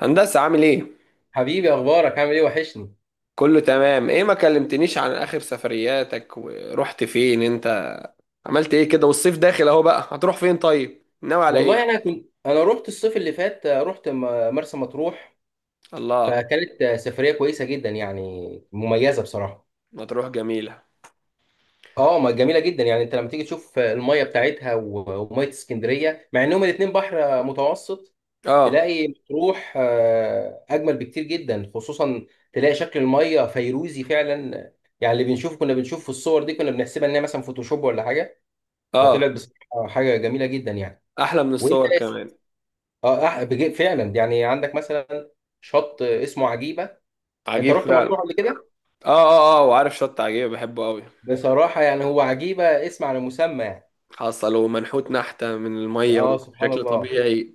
هندسة عامل ايه؟ حبيبي، اخبارك؟ عامل ايه؟ وحشني. كله تمام. ايه ما كلمتنيش عن اخر سفرياتك ورحت فين انت، عملت ايه كده والصيف داخل اهو؟ بقى هتروح فين؟ طيب ناوي على ايه؟ والله انا كنت انا رحت الصيف اللي فات، رحت مرسى مطروح. الله، فكانت سفريه كويسه جدا، يعني مميزه بصراحه. مطروح جميلة. اه، ما جميله جدا، يعني انت لما تيجي تشوف الميه بتاعتها وميه اسكندريه، مع انهم الاتنين بحر متوسط. اه. تلاقي مطروح اجمل بكتير جدا، خصوصا تلاقي شكل الميه فيروزي فعلا. يعني اللي بنشوفه كنا بنشوف في الصور، دي كنا بنحسبها ان هي مثلا فوتوشوب ولا حاجه. فطلعت اه، بصراحه حاجه جميله جدا يعني. احلى من وانت. الصور كمان. اه، فعلا، يعني عندك مثلا شط اسمه عجيبه. انت عجيب رحت فعلا. اه مطروح قبل كده؟ اه اه، وعارف شط عجيب، بحبه قوي. بصراحه يعني هو عجيبه اسم على مسمى يعني. حصل، ومنحوت نحتة من المية اه، سبحان وبشكل الله. طبيعي.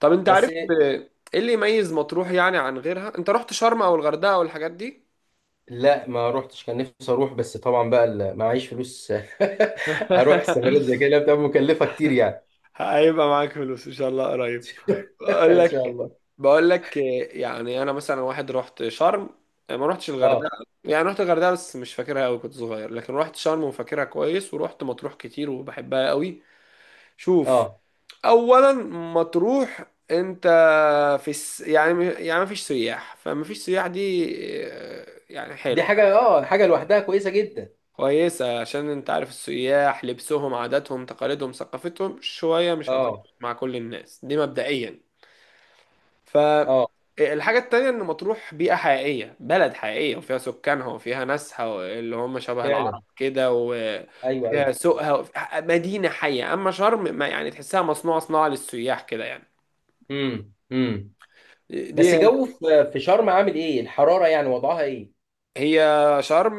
طب انت بس. عارف ايه اللي يميز مطروح يعني عن غيرها؟ انت رحت شرم او الغردقة او الحاجات دي؟ لا، ما روحتش، كان نفسي اروح، بس طبعا بقى معيش فلوس. اروح سفريه زي كده بتبقى مكلفه كتير يعني. هيبقى معاك فلوس ان شاء الله قريب. بقول ان شاء لك، الله. بقول لك يعني انا مثلا واحد رحت شرم، ما رحتش اه، الغردقه. يعني رحت الغردقه بس مش فاكرها قوي، كنت صغير، لكن رحت شرم وفاكرها كويس، ورحت مطروح كتير وبحبها قوي. شوف، اه، اولا، مطروح انت يعني ما فيش سياح، فما فيش سياح دي إيه، يعني دي حلوه. حاجه لوحدها كويسه جدا. كويسه، عشان انت عارف السياح لبسهم عاداتهم تقاليدهم ثقافتهم شويه مش اه، هتظبط مع كل الناس دي مبدئيا. اه، فالحاجة التانية إن مطروح بيئة حقيقية، بلد حقيقية وفيها سكانها وفيها ناسها اللي هم شبه فعلا. العرب كده، ايوه، وفيها ايوه. سوقها مدينة حية، أما شرم ما يعني تحسها مصنوعة صناعة للسياح كده يعني. امم، امم. دي بس جو في شرم عامل ايه الحراره، يعني وضعها ايه؟ هي. شرم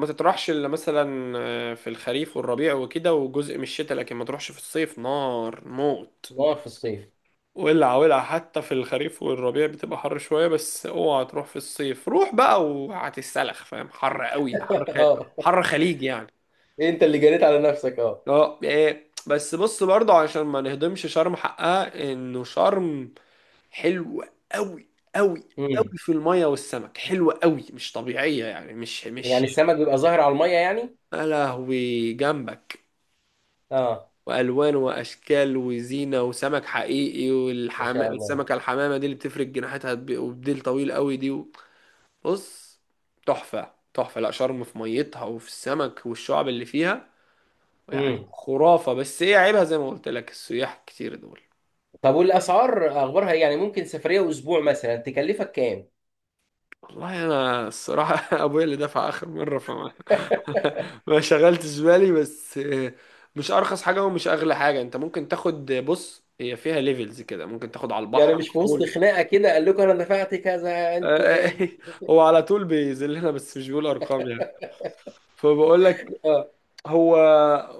ما تطرحش إلا مثلا في الخريف والربيع وكده وجزء من الشتاء، لكن ما تروحش في الصيف، نار موت. نار في الصيف. ولع ولع. حتى في الخريف والربيع بتبقى حر شوية، بس اوعى تروح في الصيف، روح بقى وهتتسلخ. فاهم؟ حر قوي، اه، حر خليج يعني. انت اللي جريت على نفسك، اه. اه إيه. بس بص برضه عشان ما نهضمش شرم حقها، انه شرم حلوة قوي، قوي قوي امم. في المية والسمك، حلوة قوي، مش طبيعية يعني، مش يعني مش السمك بيبقى ظاهر على الميه يعني؟ يا لهوي جنبك اه. والوان واشكال وزينه وسمك حقيقي، ان شاء الله. السمكه الحمامه دي اللي بتفرق جناحاتها وبديل طويل قوي دي. بص، تحفة تحفة. لا شرم في ميتها وفي السمك والشعب اللي فيها، يعني امم. خرافة، بس ايه عيبها؟ زي ما قلت لك، السياح كتير دول. طب والاسعار اخبارها ايه؟ يعني ممكن سفريه اسبوع مثلا تكلفك كام؟ والله انا الصراحة ابويا اللي دفع اخر مرة فما ما شغلتش بالي، بس مش ارخص حاجة ومش اغلى حاجة. انت ممكن تاخد، بص، هي فيها ليفلز كده، ممكن تاخد على يعني البحر مش على في وسط طول. خناقه كده قال لكم انا دفعت كذا انتوا عيال؟ هو على طول بيذلنا بس مش بيقول ارقام يعني. فبقول لك، اه، هو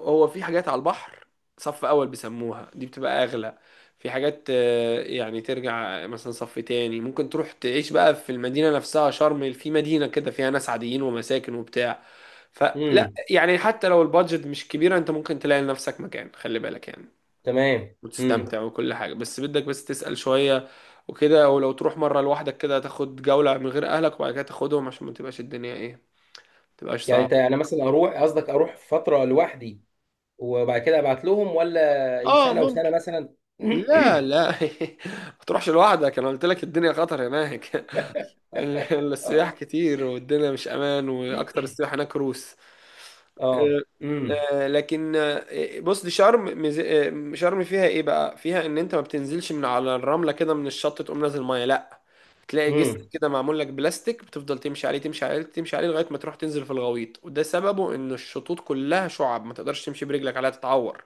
هو في حاجات على البحر صف اول، بيسموها دي، بتبقى اغلى. في حاجات يعني ترجع مثلا صف تاني. ممكن تروح تعيش بقى في المدينة نفسها، شرم في مدينة كده فيها ناس عاديين ومساكن وبتاع. فلا امم، يعني، حتى لو البادجت مش كبيرة، انت ممكن تلاقي لنفسك مكان، خلي بالك يعني، تمام، امم. وتستمتع وكل حاجة، بس بدك بس تسأل شوية وكده. ولو تروح مرة لوحدك كده تاخد جولة من غير اهلك وبعد كده تاخدهم، عشان ما تبقاش الدنيا ايه، ما تبقاش يعني انت صعبة. انا مثلا اروح فتره لوحدي، وبعد كده ابعت لهم، ولا إيه، اه سنه وسنه ممكن. مثلا؟ لا لا ما تروحش لوحدك، انا قلت لك الدنيا خطر هناك. اه، السياح كتير والدنيا مش امان، واكتر السياح هناك روس. اه، آه، امم، آه، لكن آه، بص، دي شرم، شرم فيها ايه بقى؟ فيها ان انت ما بتنزلش من على الرمله كده من الشط تقوم نازل ميه، لا، تلاقي جسر امم، كده معمول لك بلاستيك، بتفضل تمشي عليه تمشي عليه تمشي عليه لغايه ما تروح تنزل في الغويط، وده سببه ان الشطوط كلها شعب، ما تقدرش تمشي برجلك عليها تتعور.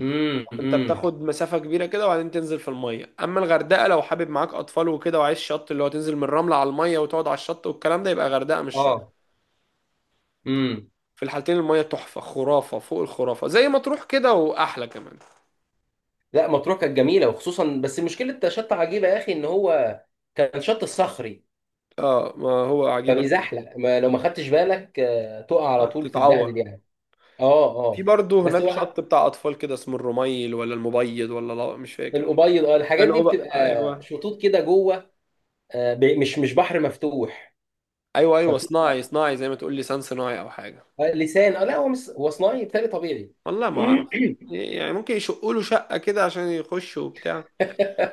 امم، انت امم، بتاخد مسافة كبيرة كده وبعدين تنزل في المية. اما الغردقة، لو حابب معاك اطفال وكده وعايز شط اللي هو تنزل من الرملة على المية وتقعد على الشط والكلام ده، يبقى غردقة مش شرم. اه، امم. في الحالتين المية تحفة، خرافة فوق الخرافة زي ما تروح كده واحلى كمان. لا، مطروح كانت جميله، وخصوصا بس مشكله شط عجيبه يا اخي ان هو كان شط صخري. اه، ما هو عجيبك. فبيزحلق، ما لو ما خدتش بالك تقع على طول تتبهدل تتعور. يعني. اه، في اه. برضه بس هناك هو شط بتاع اطفال كده اسمه الرميل ولا المبيض، ولا لا مش فاكر. الابيض، اه، الحاجات دي حلو بقى، بتبقى ايوه، شطوط كده جوه، مش بحر مفتوح. ايوه ايوه، فبت... صناعي صناعي، زي ما تقول لسان صناعي او حاجة. لسان، اه، لا هو مش، هو صناعي، بتاعي طبيعي. والله ما اعرف. يعني ممكن يشقوا له شقة كده عشان يخشوا وبتاع.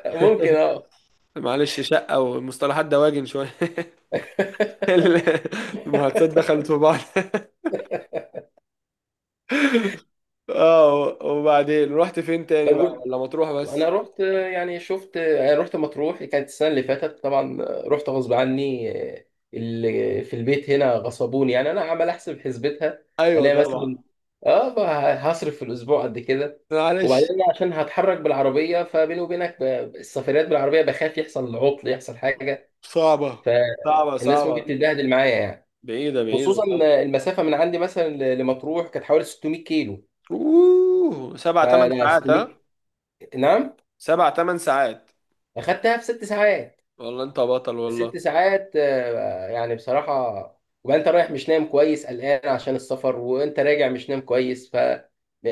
ممكن، اه. معلش، شقة ومصطلحات دواجن شوية. المحادثات دخلت في بعض. اه، وبعدين رحت فين تاني بقى، طب ولا مطروح وانا بس؟ رحت، يعني شفت، يعني رحت مطروح، كانت السنه اللي فاتت، طبعا رحت غصب عني، اللي في البيت هنا غصبوني. يعني انا عمال احسب، حسبتها ايوه الاقي مثلا، طبعا. اه، بقى هصرف في الاسبوع قد كده. وبعدين معلش. أنا عشان هتحرك بالعربيه، فبيني وبينك السفريات بالعربيه بخاف يحصل عطل، يحصل حاجه، صعبة، صعبة فالناس ممكن صعبة. تتبهدل معايا يعني. بعيدة، بعيدة خصوصا طبعا. المسافه من عندي مثلا لمطروح كانت حوالي 600 كيلو. اوه، سبع تمن فانا ساعات 600. ها. نعم. سبع تمن ساعات. اخدتها في ست ساعات. والله انت بطل والله. ست ساعات، يعني بصراحة. وبقى انت رايح مش نايم كويس، قلقان عشان السفر، وانت راجع مش نايم كويس،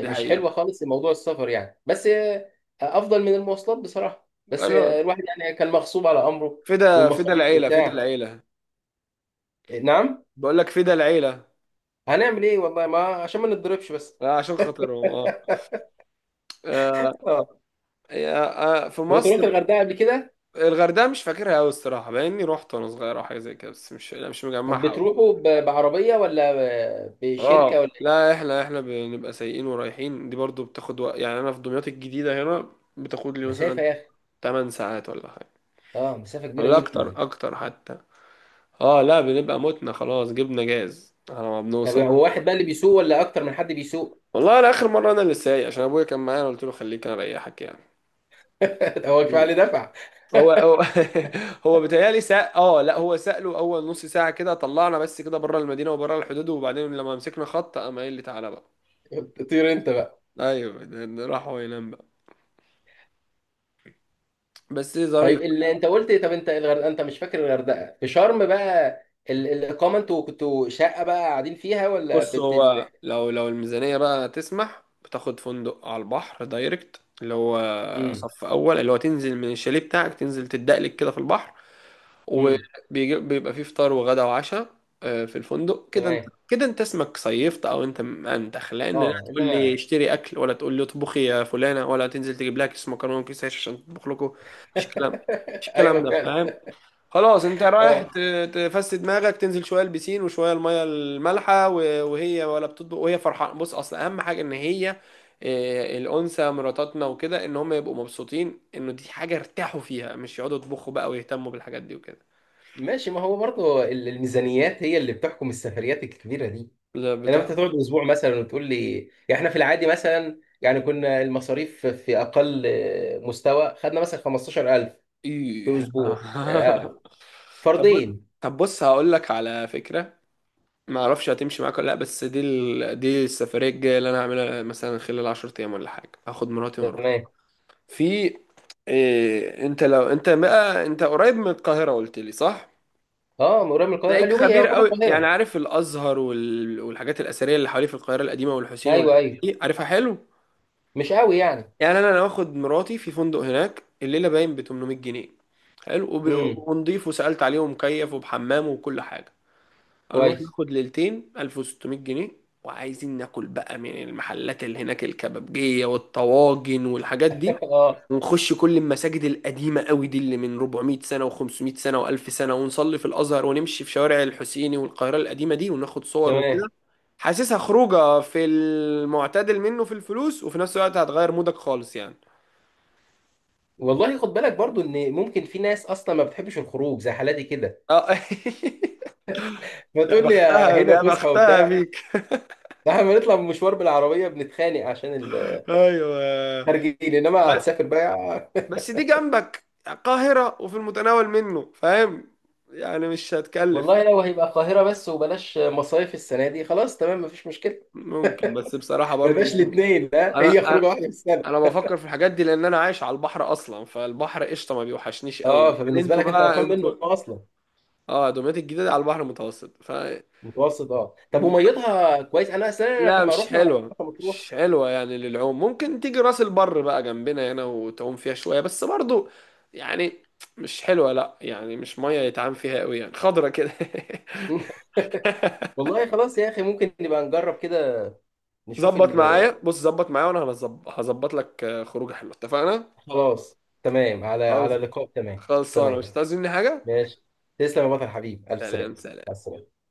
دي حقيقة. حلوة خالص موضوع السفر يعني، بس افضل من المواصلات بصراحة. بس قالوا الواحد يعني كان مغصوب على امره. فدا، فدا والمصاريف العيلة، فدا وبتاع، العيلة. نعم. بقول لك، فدا العيلة. هنعمل ايه، والله ما عشان ما نتضربش بس. عشان خاطرهم اه. آه، اه. في طب انت مصر. رحت الغردقة قبل كده؟ الغردقة مش فاكرها أوي الصراحة، بما إني رحت وأنا صغير أو حاجة زي كده، بس مش، لا مش طب مجمعها أوي. بتروحوا بعربية، ولا بشركة، اه ولا إيه؟ لا، احنا بنبقى سايقين ورايحين، دي برضو بتاخد وقت يعني. أنا في دمياط الجديدة هنا بتاخد لي مثلا مسافة يا اخي، 8 ساعات ولا حاجة، اه، مسافة كبيرة ولا أكتر، جدا. أكتر حتى. اه لا، بنبقى متنا خلاص، جبنا جاز على ما طب بنوصل. هو واحد بقى اللي بيسوق، ولا اكتر من حد بيسوق؟ والله أنا آخر مرة أنا اللي سايق، عشان أبويا كان معايا أنا قلت له خليك أنا أريحك هو كفايه يعني. اللي دفع. هو هو بيتهيألي اه لا، هو سأله اول نص ساعة كده، طلعنا بس كده بره المدينة وبره الحدود، وبعدين لما مسكنا خط قام قايل لي تعالى بقى. طير انت بقى. ايوه، ده راح هو ينام بقى. بس طيب، ظريف. اللي انت قلت ايه؟ طب انت الغردقه، انت مش فاكر الغردقه، في شرم بقى الاقامه انتوا كنتوا شقه بقى قاعدين فيها، ولا بص، هو لو الميزانية بقى تسمح، بتاخد فندق على البحر دايركت، اللي هو امم، صف اول، اللي هو تنزل من الشاليه بتاعك تنزل تدقلك كده في البحر، امم، وبيبقى فيه فطار وغدا وعشاء في الفندق كده. انت تمام، كده انت اسمك صيفت او انت منتخ، لان لا اه، تقول لي انما، اشتري اكل ولا تقول لي اطبخي يا فلانه ولا تنزل تجيب لها كيس مكرونه وكيس عيش عشان تطبخ لكم. مش كلام، مش الكلام ايوه ده، فعلا. فاهم. خلاص انت رايح اه، تفسد دماغك، تنزل شويه البسين وشويه الميه المالحه، وهي ولا بتطبخ وهي فرحانه. بص اصل اهم حاجه ان هي، الانثى مراتاتنا وكده، ان هم يبقوا مبسوطين انه دي حاجه ارتاحوا فيها، مش يقعدوا يطبخوا بقى ويهتموا بالحاجات دي وكده. ماشي. ما هو برضه الميزانيات هي اللي بتحكم السفريات الكبيره دي. لا، انما انت بتحفة. تقعد اسبوع مثلا وتقول لي، يعني احنا في العادي مثلا، يعني كنا المصاريف في اقل مستوى، خدنا مثلا 15000 في ايه اسبوع، طب بص- فردين. طب بص، هقول لك على فكرة، ما اعرفش هتمشي معاك ولا لا، بس دي السفرية الجاية اللي انا هعملها مثلا خلال 10 ايام ولا حاجة، هاخد مراتي واروح تمام. في انت لو انت بقى، انت قريب من القاهرة قلت لي صح؟ اه، من قريب، من القاهره، تلاقيك اليوبيه خبير يعتبر قوي يعني، القاهره. عارف الازهر والحاجات الاثرية اللي حواليه في القاهرة القديمة والحسين ايوه، والحتت ايوه، دي، عارفها حلو؟ مش قوي يعني. يعني انا، واخد مراتي في فندق هناك، الليله باين ب 800 جنيه، حلو امم، ونضيف وسالت عليه ومكيف وبحمام وكل حاجه. هنروح كويس. ناخد ليلتين، 1600 جنيه. وعايزين ناكل بقى من المحلات اللي هناك، الكبابجيه والطواجن والحاجات دي، اه، ونخش كل المساجد القديمه قوي دي اللي من 400 سنه و500 سنه و1000 سنه، ونصلي في الازهر ونمشي في شوارع الحسيني والقاهره القديمه دي وناخد صور تمام. وكده. حاسسها خروجه في المعتدل منه في الفلوس، وفي نفس الوقت هتغير مودك خالص يعني. والله خد بالك برضو، ان ممكن في ناس اصلا ما بتحبش الخروج زي حالاتي كده، اه يا فتقول لي يا بختها، هنا يا فسحه بختها وبتاع. بيك. ده احنا بنطلع من مشوار بالعربيه بنتخانق عشان ايوه الخارجين، انما ب- هتسافر بقى. بس دي جنبك القاهرة وفي المتناول منه، فاهم، يعني مش هتكلف. والله لو هيبقى القاهره بس وبلاش مصايف السنه دي، خلاص تمام، مفيش مشكله. ممكن، بس بصراحة ما برضو بقاش انتم، الاثنين، لا، انا هي انا خروجه واحده في السنه. انا بفكر في الحاجات دي لان انا عايش على البحر اصلا، فالبحر قشطة ما بيوحشنيش قوي، اه، لكن فبالنسبه انتوا لك انت بقى قرفان انتوا. منه اصلا. اه، دمياط الجديدة دي على البحر المتوسط ف... متوسط، اه. طب وميتها كويس؟ انا اصل انا لا لما مش رحنا حلوة، مرسى مطروح. مش حلوة يعني للعوم. ممكن تيجي راس البر بقى جنبنا هنا وتعوم فيها شوية، بس برضو يعني مش حلوة، لا يعني مش مية يتعام فيها قوي يعني، خضرة كده. والله خلاص يا اخي، ممكن نبقى نجرب كده، نشوف ظبط معايا، بص ظبط معايا وانا هظبط لك خروجه حلوه. اتفقنا؟ خلاص، تمام، على خلاص، لقاء. تمام، خلصانة، مش تمام، هتعوز مني حاجة. ماشي. تسلم يا بطل، حبيب، الف سلامه. سلام، مع سلام. السلامه.